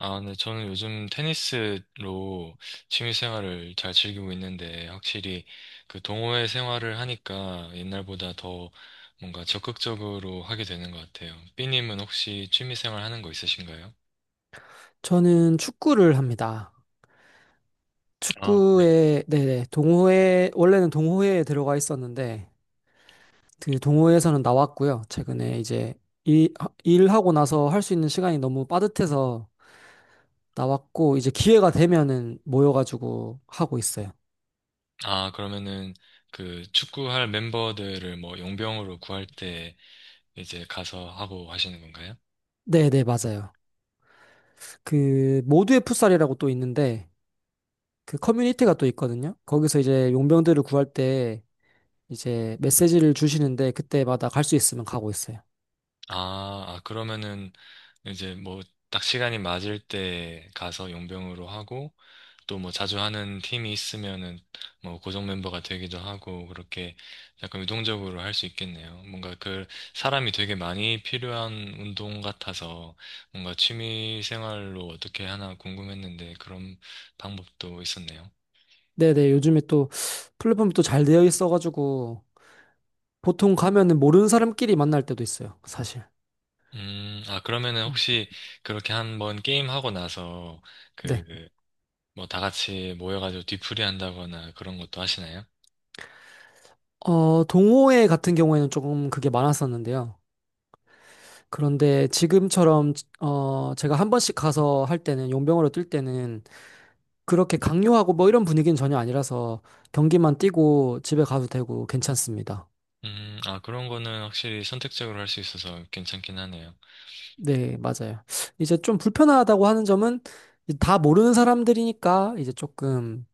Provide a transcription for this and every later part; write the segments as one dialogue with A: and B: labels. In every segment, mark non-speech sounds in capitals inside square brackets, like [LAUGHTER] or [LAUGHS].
A: 아, 네, 저는 요즘 테니스로 취미 생활을 잘 즐기고 있는데, 확실히 그 동호회 생활을 하니까 옛날보다 더 뭔가 적극적으로 하게 되는 것 같아요. 삐님은 혹시 취미 생활 하는 거 있으신가요?
B: 저는 축구를 합니다.
A: 아, 네.
B: 네네, 원래는 동호회에 들어가 있었는데, 그 동호회에서는 나왔고요. 최근에 이제 일, 일하고 나서 할 수 있는 시간이 너무 빠듯해서 나왔고, 이제 기회가 되면은 모여가지고 하고 있어요.
A: 아, 그러면은 그 축구할 멤버들을 뭐 용병으로 구할 때 이제 가서 하고 하시는 건가요?
B: 네네, 맞아요. 그, 모두의 풋살이라고 또 있는데, 그 커뮤니티가 또 있거든요. 거기서 이제 용병들을 구할 때 이제 메시지를 주시는데, 그때마다 갈 수 있으면 가고 있어요.
A: 아, 아, 그러면은 이제 뭐 딱 시간이 맞을 때 가서 용병으로 하고 또 뭐 자주 하는 팀이 있으면은 뭐 고정 멤버가 되기도 하고 그렇게 약간 유동적으로 할 수 있겠네요. 뭔가 그 사람이 되게 많이 필요한 운동 같아서 뭔가 취미 생활로 어떻게 하나 궁금했는데 그런 방법도 있었네요.
B: 네네, 요즘에 또 플랫폼이 또 잘 되어 있어가지고 보통 가면은 모르는 사람끼리 만날 때도 있어요, 사실.
A: 아, 그러면은
B: 음.
A: 혹시 그렇게 한번 게임하고 나서
B: 네.
A: 그 뭐 다 같이 모여가지고 뒤풀이 한다거나 그런 것도 하시나요?
B: 동호회 같은 경우에는 조금 그게 많았었는데요. 그런데 지금처럼, 제가 한 번씩 가서 할 때는, 용병으로 뛸 때는 그렇게 강요하고 뭐 이런 분위기는 전혀 아니라서 경기만 뛰고 집에 가도 되고 괜찮습니다.
A: 아, 그런 거는 확실히 선택적으로 할 수 있어서 괜찮긴 하네요.
B: 네, 맞아요. 이제 좀 불편하다고 하는 점은 다 모르는 사람들이니까 이제 조금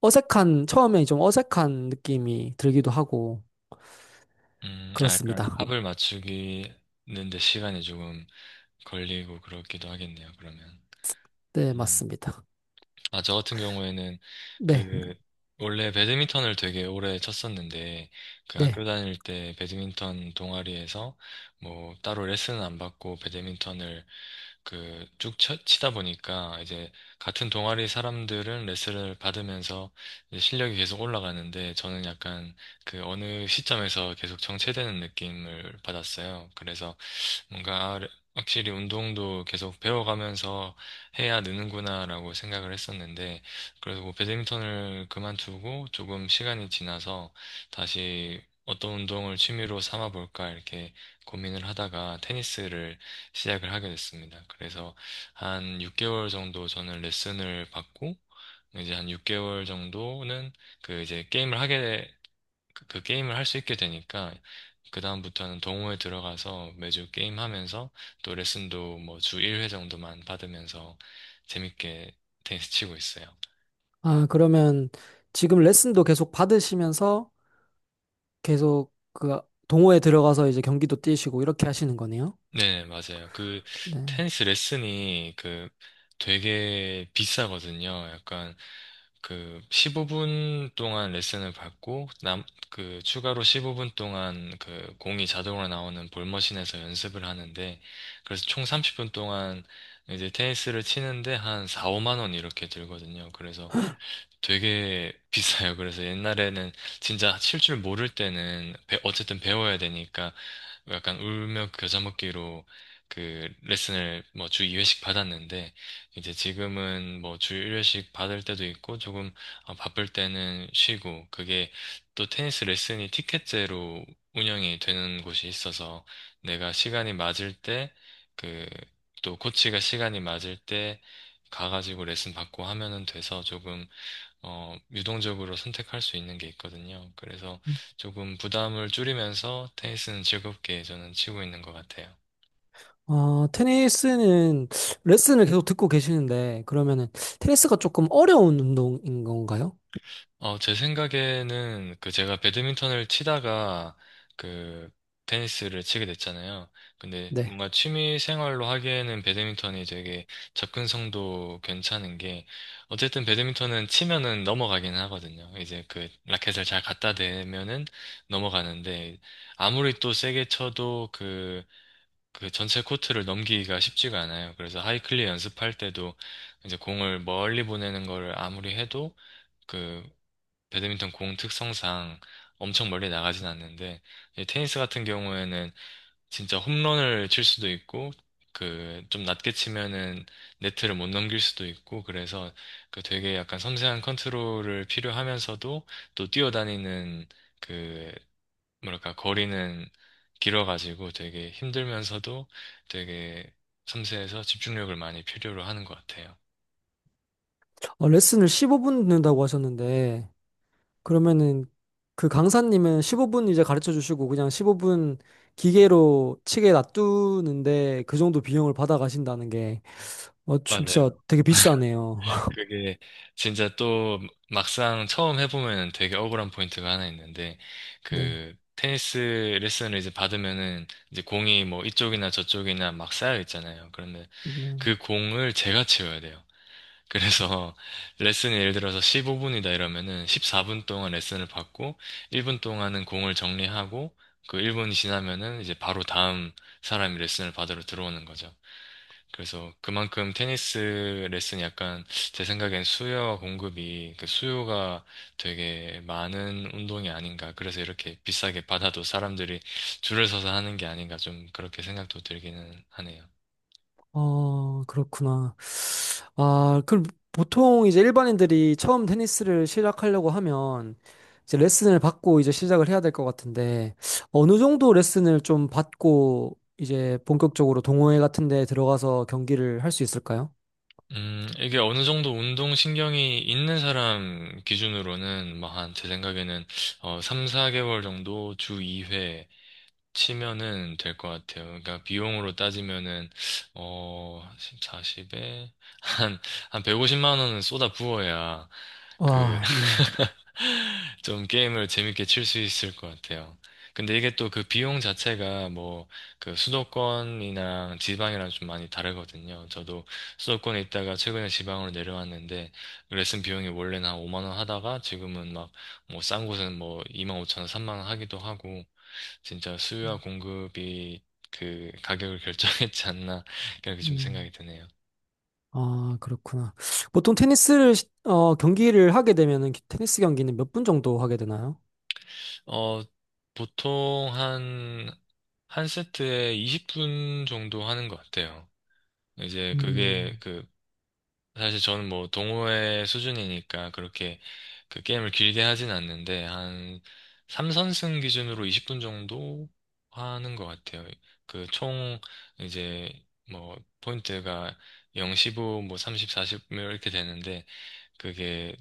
B: 어색한, 처음에 좀 어색한 느낌이 들기도 하고,
A: 아, 약간
B: 그렇습니다.
A: 합을 맞추기는데 시간이 조금 걸리고 그렇기도 하겠네요, 그러면.
B: 네,
A: 음,
B: 맞습니다.
A: 아, 저 같은 경우에는
B: 네,
A: 그, 원래 배드민턴을 되게 오래 쳤었는데, 그
B: 네.
A: 학교 다닐 때 배드민턴 동아리에서 뭐 따로 레슨은 안 받고 배드민턴을 그 쭉 치다 보니까 이제 같은 동아리 사람들은 레슨을 받으면서 이제 실력이 계속 올라가는데 저는 약간 그 어느 시점에서 계속 정체되는 느낌을 받았어요. 그래서 뭔가 아, 확실히 운동도 계속 배워가면서 해야 느는구나라고 생각을 했었는데, 그래서 뭐 배드민턴을 그만두고 조금 시간이 지나서 다시 어떤 운동을 취미로 삼아 볼까 이렇게 고민을 하다가 테니스를 시작을 하게 됐습니다. 그래서 한 6개월 정도 저는 레슨을 받고, 이제 한 6개월 정도는 그 이제 게임을 하게 그 게임을 할 수 있게 되니까 그다음부터는 동호회 들어가서 매주 게임하면서 또 레슨도 뭐 주 1회 정도만 받으면서 재밌게 [LAUGHS] 테니스 치고 있어요.
B: 아, 그러면 지금 레슨도 계속 받으시면서 계속 그 동호회 들어가서 이제 경기도 뛰시고 이렇게 하시는 거네요?
A: 네, 맞아요. 그
B: 네.
A: 테니스 레슨이 그 되게 비싸거든요. 약간 그 15분 동안 레슨을 받고 남 그 추가로 15분 동안 그 공이 자동으로 나오는 볼머신에서 연습을 하는데 그래서 총 30분 동안 이제 테니스를 치는데 한 4, 5만 원 이렇게 들거든요. 그래서 되게 비싸요. 그래서 옛날에는 진짜 칠 줄 모를 때는 어쨌든 배워야 되니까 약간 울며 그 겨자 먹기로 그 레슨을 뭐 주 2회씩 받았는데 이제 지금은 뭐 주 1회씩 받을 때도 있고 조금 아, 바쁠 때는 쉬고 그게 또 테니스 레슨이 티켓제로 운영이 되는 곳이 있어서 내가 시간이 맞을 때 그 또 코치가 시간이 맞을 때 가가지고 레슨 받고 하면은 돼서 조금 유동적으로 선택할 수 있는 게 있거든요. 그래서 조금 부담을 줄이면서 테니스는 즐겁게 저는 치고 있는 것 같아요.
B: 테니스는 레슨을 계속 듣고 계시는데, 그러면은 테니스가 조금 어려운 운동인 건가요?
A: 제 생각에는 그 제가 배드민턴을 치다가 그 테니스를 치게 됐잖아요. 근데
B: 네.
A: 뭔가 취미 생활로 하기에는 배드민턴이 되게 접근성도 괜찮은 게 어쨌든 배드민턴은 치면은 넘어가긴 하거든요. 이제 그 라켓을 잘 갖다 대면은 넘어가는데 아무리 또 세게 쳐도 그 전체 코트를 넘기기가 쉽지가 않아요. 그래서 하이클리 연습할 때도 이제 공을 멀리 보내는 거를 아무리 해도 그 배드민턴 공 특성상 엄청 멀리 나가진 않는데 이 테니스 같은 경우에는 진짜 홈런을 칠 수도 있고 그 좀 낮게 치면은 네트를 못 넘길 수도 있고 그래서 그 되게 약간 섬세한 컨트롤을 필요하면서도 또 뛰어다니는 그 뭐랄까, 거리는 길어가지고 되게 힘들면서도 되게 섬세해서 집중력을 많이 필요로 하는 것 같아요.
B: 레슨을 15분 듣는다고 하셨는데, 그러면은 그 강사님은 15분 이제 가르쳐 주시고 그냥 15분 기계로 치게 놔두는데 그 정도 비용을 받아 가신다는 게 진짜
A: 맞아요.
B: 되게 비싸네요. [LAUGHS]
A: 그게 진짜 또 막상 처음 해보면 되게 억울한 포인트가 하나 있는데,
B: 네.
A: 그 테니스 레슨을 이제 받으면은 이제 공이 뭐 이쪽이나 저쪽이나 막 쌓여 있잖아요. 그러면
B: 음,
A: 그 공을 제가 치워야 돼요. 그래서 [LAUGHS] 레슨이 예를 들어서 15분이다 이러면은 14분 동안 레슨을 받고 1분 동안은 공을 정리하고 그 1분이 지나면은 이제 바로 다음 사람이 레슨을 받으러 들어오는 거죠. 그래서 그만큼 테니스 레슨이 약간 제 생각엔 수요와 공급이 그 수요가 되게 많은 운동이 아닌가. 그래서 이렇게 비싸게 받아도 사람들이 줄을 서서 하는 게 아닌가 좀 그렇게 생각도 들기는 하네요.
B: 그렇구나. 아, 그럼 보통 이제 일반인들이 처음 테니스를 시작하려고 하면 이제 레슨을 받고 이제 시작을 해야 될 것 같은데 어느 정도 레슨을 좀 받고 이제 본격적으로 동호회 같은 데 들어가서 경기를 할 수 있을까요?
A: 이게 어느 정도 운동신경이 있는 사람 기준으로는, 막, 한, 제 생각에는, 3, 4개월 정도 주 2회, 치면은 될 것 같아요. 그러니까 비용으로 따지면은 어 40에 한 한 150만 원은 쏟아 부어야 그
B: 와. 음.
A: [LAUGHS] 좀 게임을 재밌게 칠 수 있을 것 같아요. 근데 이게 또 그 비용 자체가 뭐 그 수도권이랑 지방이랑 좀 많이 다르거든요. 저도 수도권에 있다가 최근에 지방으로 내려왔는데 레슨 비용이 원래는 한 5만 원 하다가 지금은 막 뭐 싼 곳은 뭐 2만 5천 원, 3만 원 하기도 하고 진짜 수요와 공급이 그 가격을 [LAUGHS] 결정했지 않나 그렇게 좀
B: 음.
A: 생각이 드네요.
B: 아, 그렇구나. 보통 경기를 하게 되면은 테니스 경기는 몇 분 정도 하게 되나요?
A: 어, 보통 한, 한 세트에 20분 정도 하는 것 같아요. 이제 그게
B: 음.
A: 그, 사실 저는 뭐 동호회 수준이니까 그렇게 그 게임을 길게 하진 않는데 한 3선승 기준으로 20분 정도 하는 것 같아요. 그 총 이제 뭐 포인트가 0, 15, 뭐 30, 40 이렇게 되는데 그게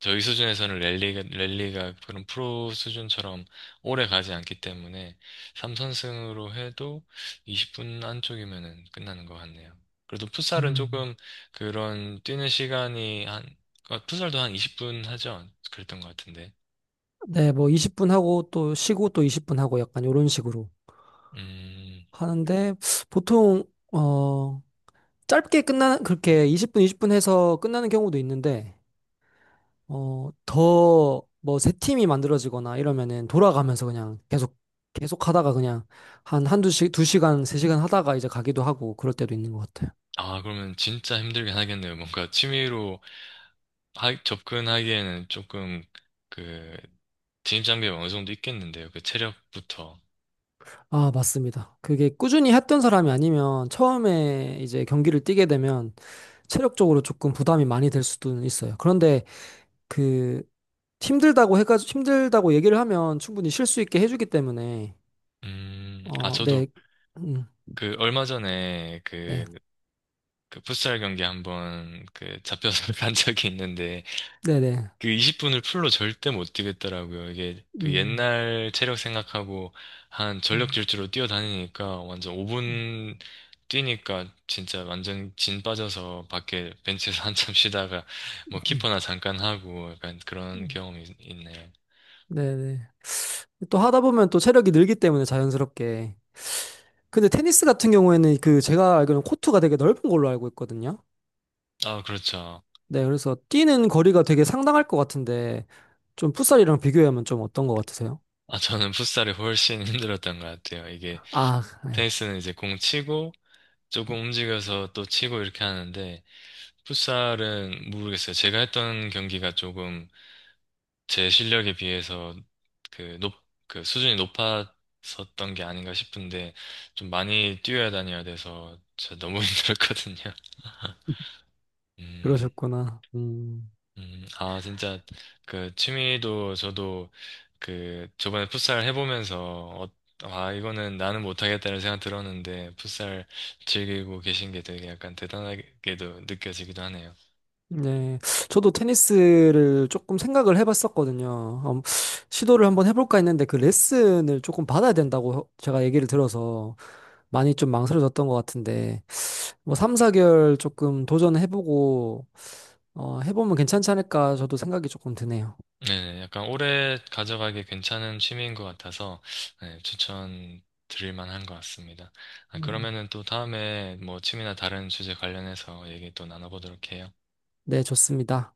A: 저희 수준에서는 랠리가 그런 프로 수준처럼 오래 가지 않기 때문에 3선승으로 해도 20분 안쪽이면은 끝나는 것 같네요. 그래도 풋살은
B: 음.
A: 조금 그런 뛰는 시간이 한, 풋살도 한 20분 하죠? 그랬던 것 같은데.
B: 네, 뭐 20분 하고 또 쉬고 또 20분 하고 약간 이런 식으로
A: 음,
B: 하는데 보통, 어, 그렇게 20분, 20분 해서 끝나는 경우도 있는데 새 팀이 만들어지거나 이러면은 돌아가면서 그냥 계속, 계속 하다가 그냥 한 두 시간, 세 시간 하다가 이제 가기도 하고 그럴 때도 있는 것 같아요.
A: 아, 그러면 진짜 힘들긴 하겠네요. 뭔가 취미로 접근하기에는 조금 그 진입 장벽이 어느 정도 있겠는데요. 그 체력부터.
B: 아, 맞습니다. 그게 꾸준히 했던 사람이 아니면 처음에 이제 경기를 뛰게 되면 체력적으로 조금 부담이 많이 될 수도 있어요. 그런데 그 힘들다고 해가지고 힘들다고 얘기를 하면 충분히 쉴 수 있게 해주기 때문에
A: 아,
B: 어,
A: 저도
B: 네, 음,
A: 그 얼마 전에
B: 네,
A: 그, 풋살 경기 한번 그 잡혀서 [LAUGHS] 간 적이 있는데
B: 네, 네,
A: 그 20분을 풀로 절대 못 뛰겠더라고요. 이게 그
B: 음,
A: 옛날 체력 생각하고 한 전력
B: 음,
A: 질주로 뛰어다니니까 완전
B: 음,
A: 5분 뛰니까 진짜 완전 진 빠져서 밖에 벤치에서 [LAUGHS] 한참 쉬다가 뭐 키퍼나 잠깐 하고 약간 그런
B: 음,
A: 경험이 있네요.
B: 네, 네. 또 하다 보면 또 체력이 늘기 때문에 자연스럽게. 근데 테니스 같은 경우에는 그 제가 알기로는 코트가 되게 넓은 걸로 알고 있거든요.
A: 아, 그렇죠.
B: 네, 그래서 뛰는 거리가 되게 상당할 것 같은데 좀 풋살이랑 비교하면 좀 어떤 것 같으세요?
A: 아, 저는 풋살이 훨씬 [LAUGHS] 힘들었던 것 같아요. 이게
B: 아, 네.
A: 테니스는 이제 공 치고 조금 움직여서 또 치고 이렇게 하는데, 풋살은 모르겠어요. 제가 했던 경기가 조금 제 실력에 비해서 그 높, 그 수준이 높았었던 게 아닌가 싶은데, 좀 많이 뛰어야 다녀야 돼서 저 너무 [LAUGHS] 힘들었거든요. 음,
B: 그러셨구나. 음.
A: 아, 진짜, 그, 취미도 저도, 그, 저번에 풋살 해보면서, 아, 이거는 나는 못하겠다는 생각 들었는데, 풋살 즐기고 계신 게 되게 약간 대단하게도 느껴지기도 하네요.
B: 네. 저도 테니스를 조금 생각을 해봤었거든요. 시도를 한번 해볼까 했는데 그 레슨을 조금 받아야 된다고 제가 얘기를 들어서 많이 좀 망설여졌던 것 같은데 뭐 3, 4개월 조금 도전해보고 해보면 괜찮지 않을까 저도 생각이 조금 드네요.
A: 네네, 약간 오래 가져가기 괜찮은 취미인 것 같아서, 네, 추천 드릴 만한 것 같습니다. 아,
B: 음,
A: 그러면은 또 다음에 뭐 취미나 다른 주제 관련해서 얘기 또 나눠보도록 해요.
B: 네, 좋습니다.